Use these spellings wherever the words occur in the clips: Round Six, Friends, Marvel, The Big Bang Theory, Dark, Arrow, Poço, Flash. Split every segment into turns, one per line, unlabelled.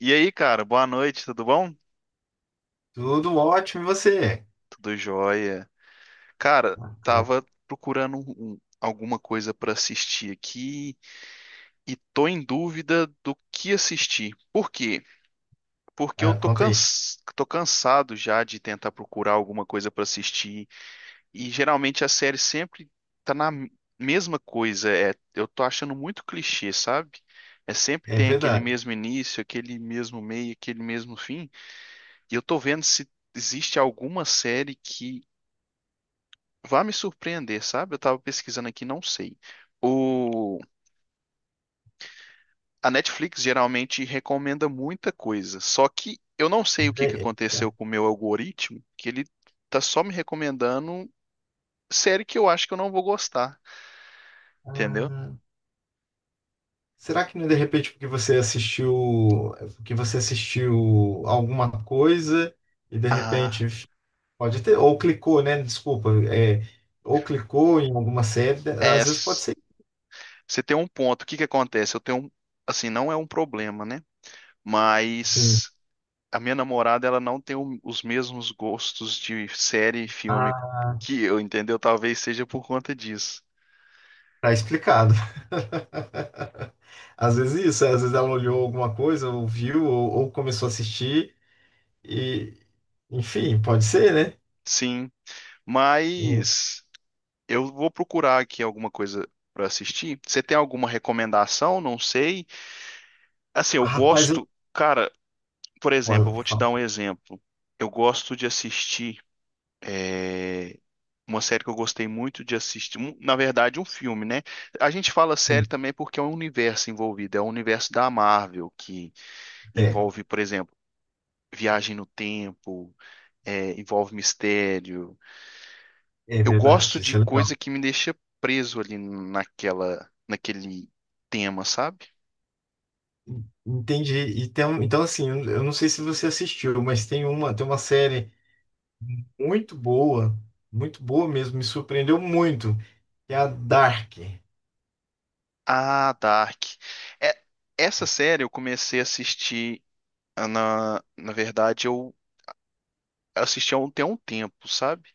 E aí, cara, boa noite, tudo bom?
Tudo ótimo, e você?
Tudo jóia. Cara,
Bacana.
tava procurando alguma coisa pra assistir aqui e tô em dúvida do que assistir. Por quê? Porque eu
Ah, conta aí.
tô cansado já de tentar procurar alguma coisa pra assistir, e geralmente a série sempre tá na mesma coisa. É, eu tô achando muito clichê, sabe? É sempre
É
tem aquele
verdade.
mesmo início, aquele mesmo meio, aquele mesmo fim. E eu tô vendo se existe alguma série que vai me surpreender, sabe? Eu tava pesquisando aqui, não sei. O... A Netflix geralmente recomenda muita coisa, só que eu não sei o que que
É- é-
aconteceu com o meu algoritmo, que ele tá só me recomendando série que eu acho que eu não vou gostar, entendeu?
Ah, será que não é de repente porque você assistiu alguma coisa e de
Ah,
repente pode ter, ou clicou, né? Desculpa, é, ou clicou em alguma série,
é.
às vezes pode ser
Você tem um ponto. O que que acontece? Eu tenho um. Assim, não é um problema, né?
sim.
Mas a minha namorada, ela não tem os mesmos gostos de série e filme
Ah,
que eu, entendeu? Talvez seja por conta disso.
tá explicado. Às vezes isso, às vezes ela olhou alguma coisa, ou viu, ou começou a assistir, e enfim, pode ser, né?
Sim,
É.
mas eu vou procurar aqui alguma coisa pra assistir. Você tem alguma recomendação? Não sei. Assim, eu
Rapaz,
gosto,
eu
cara, por exemplo,
olha,
eu vou te
fala
dar um exemplo. Eu gosto de assistir uma série que eu gostei muito de assistir, na verdade, um filme, né? A gente fala série
assim,
também porque é um universo envolvido, é o universo da Marvel que
é,
envolve, por exemplo, viagem no tempo, é, envolve mistério.
é
Eu gosto
verdade,
de
isso é legal.
coisa que me deixa preso ali naquele tema, sabe?
Entendi. E tem, então assim, eu não sei se você assistiu, mas tem uma série muito boa, muito boa mesmo, me surpreendeu muito, que é a Dark.
Ah, Dark. É, essa série eu comecei a assistir, ah, na verdade eu assisti tem um tempo, sabe?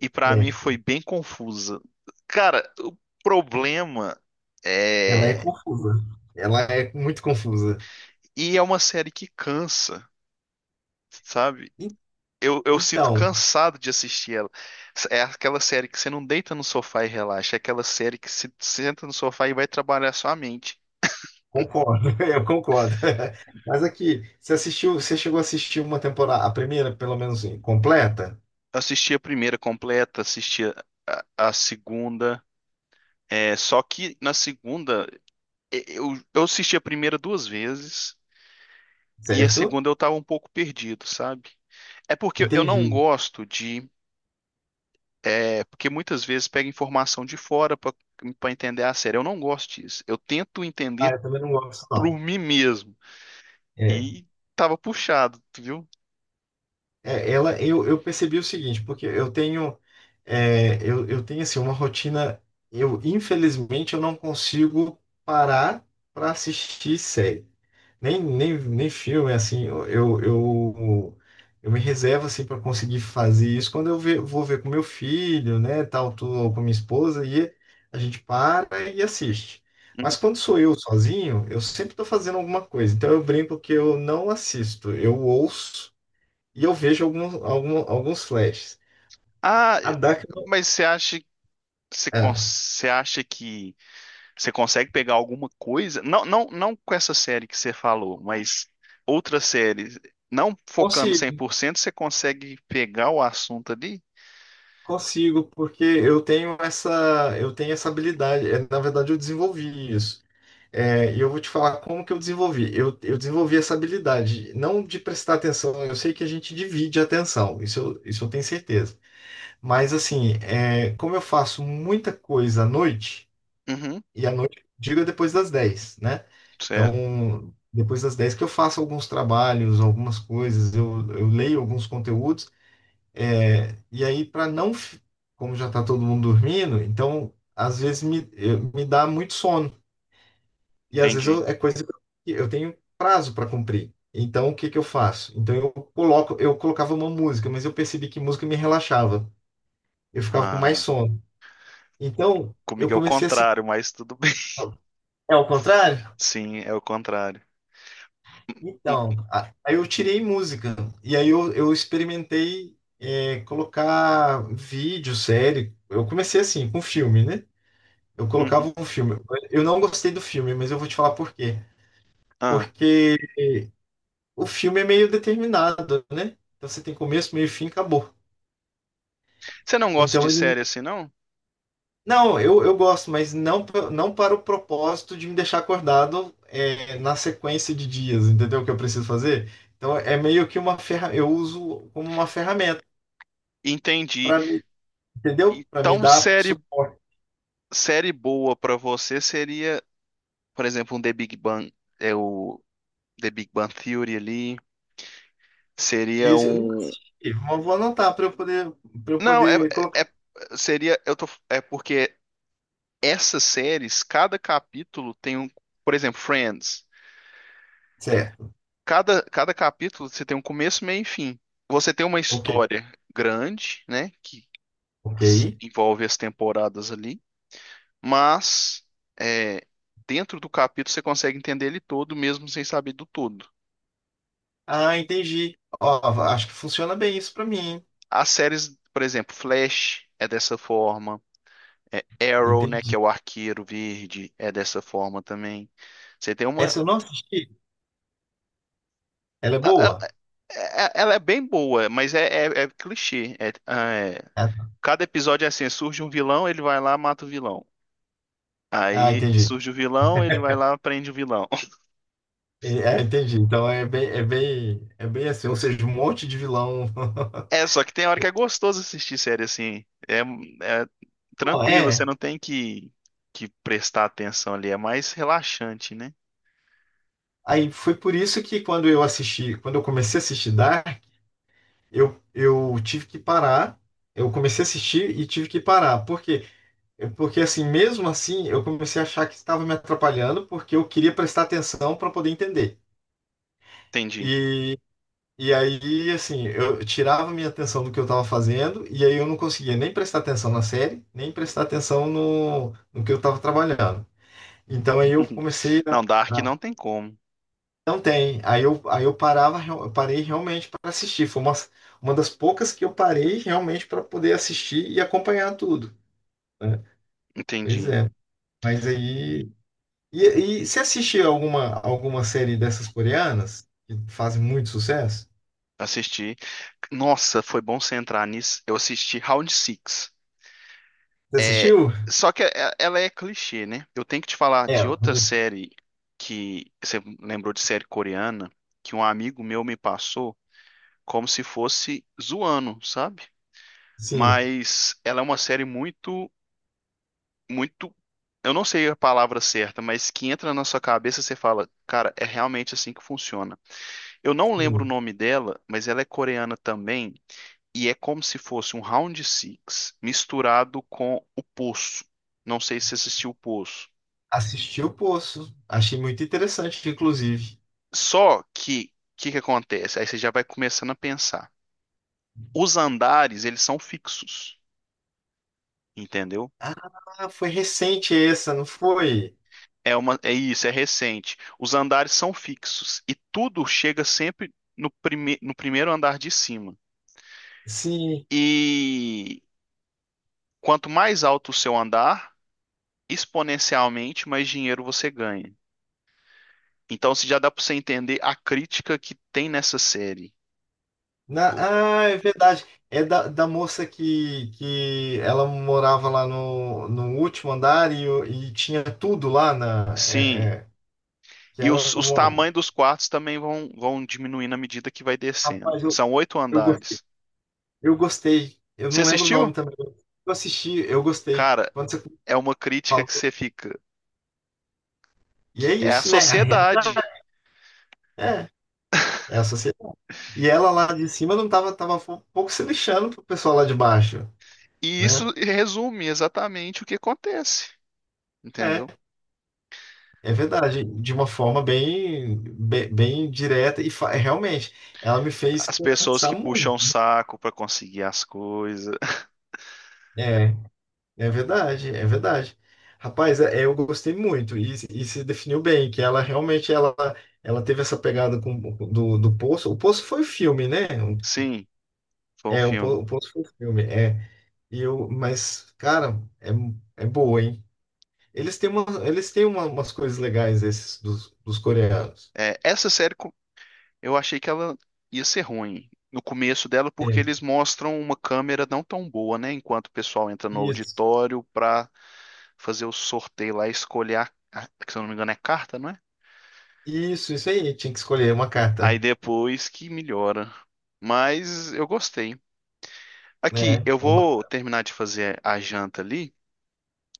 E pra mim foi
Certo.
bem confusa. Cara, o problema
Ela é
é
confusa. Ela é muito confusa.
e é uma série que cansa, sabe?
E-
Eu sinto
Então,
cansado de assistir ela. É aquela série que você não deita no sofá e relaxa. É aquela série que se senta no sofá e vai trabalhar sua mente.
concordo, eu concordo. Mas aqui, você assistiu, você chegou a assistir uma temporada, a primeira, pelo menos, assim, completa,
Eu assisti a primeira completa, assisti a segunda. É, só que na segunda, eu assisti a primeira duas vezes e a
certo?
segunda eu tava um pouco perdido, sabe? É porque eu não
Entendi.
gosto de. É porque muitas vezes pega informação de fora pra entender a série. Eu não gosto disso. Eu tento
Ah,
entender
eu também não gosto,
por
não.
mim mesmo,
É,
e tava puxado, tu viu?
É, ela, eu percebi o seguinte, porque eu tenho, é, eu tenho assim, uma rotina, eu infelizmente eu não consigo parar para assistir série, nem, nem, nem filme, assim, eu me reservo assim para conseguir fazer isso quando eu vou ver com meu filho, né, tal, tô, ou com minha esposa, e a gente para e assiste.
Uhum.
Mas quando sou eu sozinho, eu sempre estou fazendo alguma coisa, então eu brinco que eu não assisto, eu ouço, e eu vejo alguns, alguns flashes.
Ah,
A DAC não.
mas você acha,
é,
você acha que você consegue pegar alguma coisa? Não, não, não com essa série que você falou, mas outras séries, não focando cem
consigo,
por cento, você consegue pegar o assunto ali?
consigo, porque eu tenho essa habilidade. É, na verdade, eu desenvolvi isso. É, e eu vou te falar como que eu desenvolvi. Eu desenvolvi essa habilidade, não de prestar atenção, eu sei que a gente divide a atenção, isso eu tenho certeza. Mas assim, é, como eu faço muita coisa à noite.
Uhum,
E à noite, diga depois das 10, né?
certo,
Então, depois das 10 que eu faço alguns trabalhos, algumas coisas, eu leio alguns conteúdos, é, e aí para não, como já está todo mundo dormindo, então às vezes me, me dá muito sono, e às vezes
entendi.
eu, é coisa que eu tenho prazo para cumprir. Então, o que que eu faço? Então, eu coloco, eu colocava uma música, mas eu percebi que música me relaxava, eu ficava com mais
Ah,
sono. Então, eu
comigo é o
comecei a assistir.
contrário, mas tudo bem.
É o contrário?
Sim, é o contrário.
Então, aí eu tirei música. E aí eu experimentei é, colocar vídeo, série. Eu comecei assim, com filme, né? Eu
Uhum.
colocava um filme. Eu não gostei do filme, mas eu vou te falar por quê.
Ah,
Porque o filme é meio determinado, né? Então você tem começo, meio e fim, acabou.
você não gosta
Então,
de série assim, não?
não, eu gosto, mas não, não para o propósito de me deixar acordado é, na sequência de dias, entendeu? O que eu preciso fazer? Então, é meio que uma ferra... eu uso como uma ferramenta.
Entendi.
Pra me, entendeu? Para me
Então,
dar suporte.
série boa pra você seria, por exemplo, um The Big Bang, é o The Big Bang Theory ali,
E
seria
isso eu nunca
um.
assisti. Vou anotar para eu
Não, é,
poder colocar.
seria eu tô é porque essas séries, cada capítulo tem um, por exemplo, Friends.
Certo.
Cada capítulo você tem um começo, meio e fim. Você tem uma
Ok.
história grande, né, que
Ok.
envolve as temporadas ali, mas é, dentro do capítulo você consegue entender ele todo mesmo sem saber do todo.
Ah, entendi. Ó, acho que funciona bem isso para mim, hein?
As séries, por exemplo, Flash é dessa forma, é Arrow, né, que
Entendi.
é o arqueiro verde, é dessa forma também. Você tem uma,
Essa eu não assisti. Ela é boa?
ela é bem boa, mas é, é clichê. É- é-
Ah, tá.
cada episódio é assim, surge um vilão, ele vai lá, mata o vilão.
Ah,
Aí
entendi.
surge o vilão, ele vai lá, prende o vilão.
É, entendi. Então é bem, é bem, é bem assim, ou seja, um monte de vilão.
É, só que tem hora que é gostoso assistir série assim. É, é
Ó,
tranquilo, você
é.
não tem que, prestar atenção ali, é mais relaxante, né?
Aí foi por isso que quando eu assisti, quando eu comecei a assistir Dark, eu tive que parar, eu comecei a assistir e tive que parar. Por quê? Porque assim, mesmo assim, eu comecei a achar que estava me atrapalhando porque eu queria prestar atenção para poder entender.
Entendi.
E, e aí, assim, eu tirava minha atenção do que eu estava fazendo e aí eu não conseguia nem prestar atenção na série, nem prestar atenção no, no que eu estava trabalhando. Então aí eu comecei
Não, Dark
a,
não tem como.
Não tem. Aí eu parava, eu parei realmente para assistir. Foi uma das poucas que eu parei realmente para poder assistir e acompanhar tudo, né? Pois
Entendi.
é. Mas aí. E você assistiu alguma, alguma série dessas coreanas que fazem muito sucesso?
Assisti. Nossa, foi bom você entrar nisso. Eu assisti Round Six.
Você
É,
assistiu?
só que ela é clichê, né? Eu tenho que te falar
É,
de outra série que você lembrou de série coreana que um amigo meu me passou como se fosse zoando, sabe?
sim,
Mas ela é uma série muito, muito. Eu não sei a palavra certa, mas que entra na sua cabeça e você fala, cara, é realmente assim que funciona. Eu não lembro o
sim.
nome dela, mas ela é coreana também, e é como se fosse um round six misturado com o Poço. Não sei se assistiu o Poço.
Assisti o Poço. Achei muito interessante, inclusive.
Só que o que que acontece? Aí você já vai começando a pensar. Os andares, eles são fixos, entendeu?
Ah, foi recente essa, não foi?
É uma, é isso, é recente. Os andares são fixos e tudo chega sempre no primeiro andar de cima.
Sim,
E quanto mais alto o seu andar, exponencialmente mais dinheiro você ganha. Então, se já dá para você entender a crítica que tem nessa série. o-
Ah, é verdade. É da, da moça que ela morava lá no, no último andar e, e tinha tudo lá na.
Sim.
É, é, que
E os,
era
os
uma.
tamanhos dos quartos também vão diminuindo à medida que vai descendo.
Rapaz,
São oito
eu gostei.
andares.
Eu gostei. Eu
Você
não lembro o nome
assistiu?
também. Eu assisti, eu gostei.
Cara,
Quando você
é uma crítica
falou.
que você fica.
E é
É a
isso, né? A
sociedade.
realidade. É, é a sociedade. E ela lá de cima não tava, tava um pouco se lixando pro pessoal lá de baixo,
E
né?
isso resume exatamente o que acontece. Entendeu?
É. É verdade, de uma forma bem, bem, direta e realmente, ela me fez
As pessoas
pensar
que puxam
muito.
o saco pra conseguir as coisas.
É, é verdade, é verdade. Rapaz, eu gostei muito e se definiu bem que ela realmente ela, ela teve essa pegada com, do, do Poço. O Poço foi o filme, né?
Sim, foi um
É, o,
filme.
o Poço foi o filme. É, e eu, mas cara, é, é boa, hein? Eles têm uma, eles têm umas coisas legais esses dos, dos coreanos.
É, essa série, eu achei que ela ia ser ruim no começo dela, porque
É.
eles mostram uma câmera não tão boa, né? Enquanto o pessoal entra no
Isso.
auditório pra fazer o sorteio lá, escolher a, que se eu não me engano é carta, não é?
Isso aí. Tinha que escolher uma carta,
Aí depois que melhora. Mas eu gostei. Aqui,
né?
eu vou terminar de fazer a janta ali,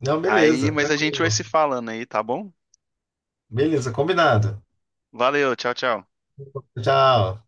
Não,
aí,
beleza,
mas a gente vai se
tranquilo.
falando aí, tá bom?
Beleza, combinado.
Valeu, tchau, tchau.
Tchau.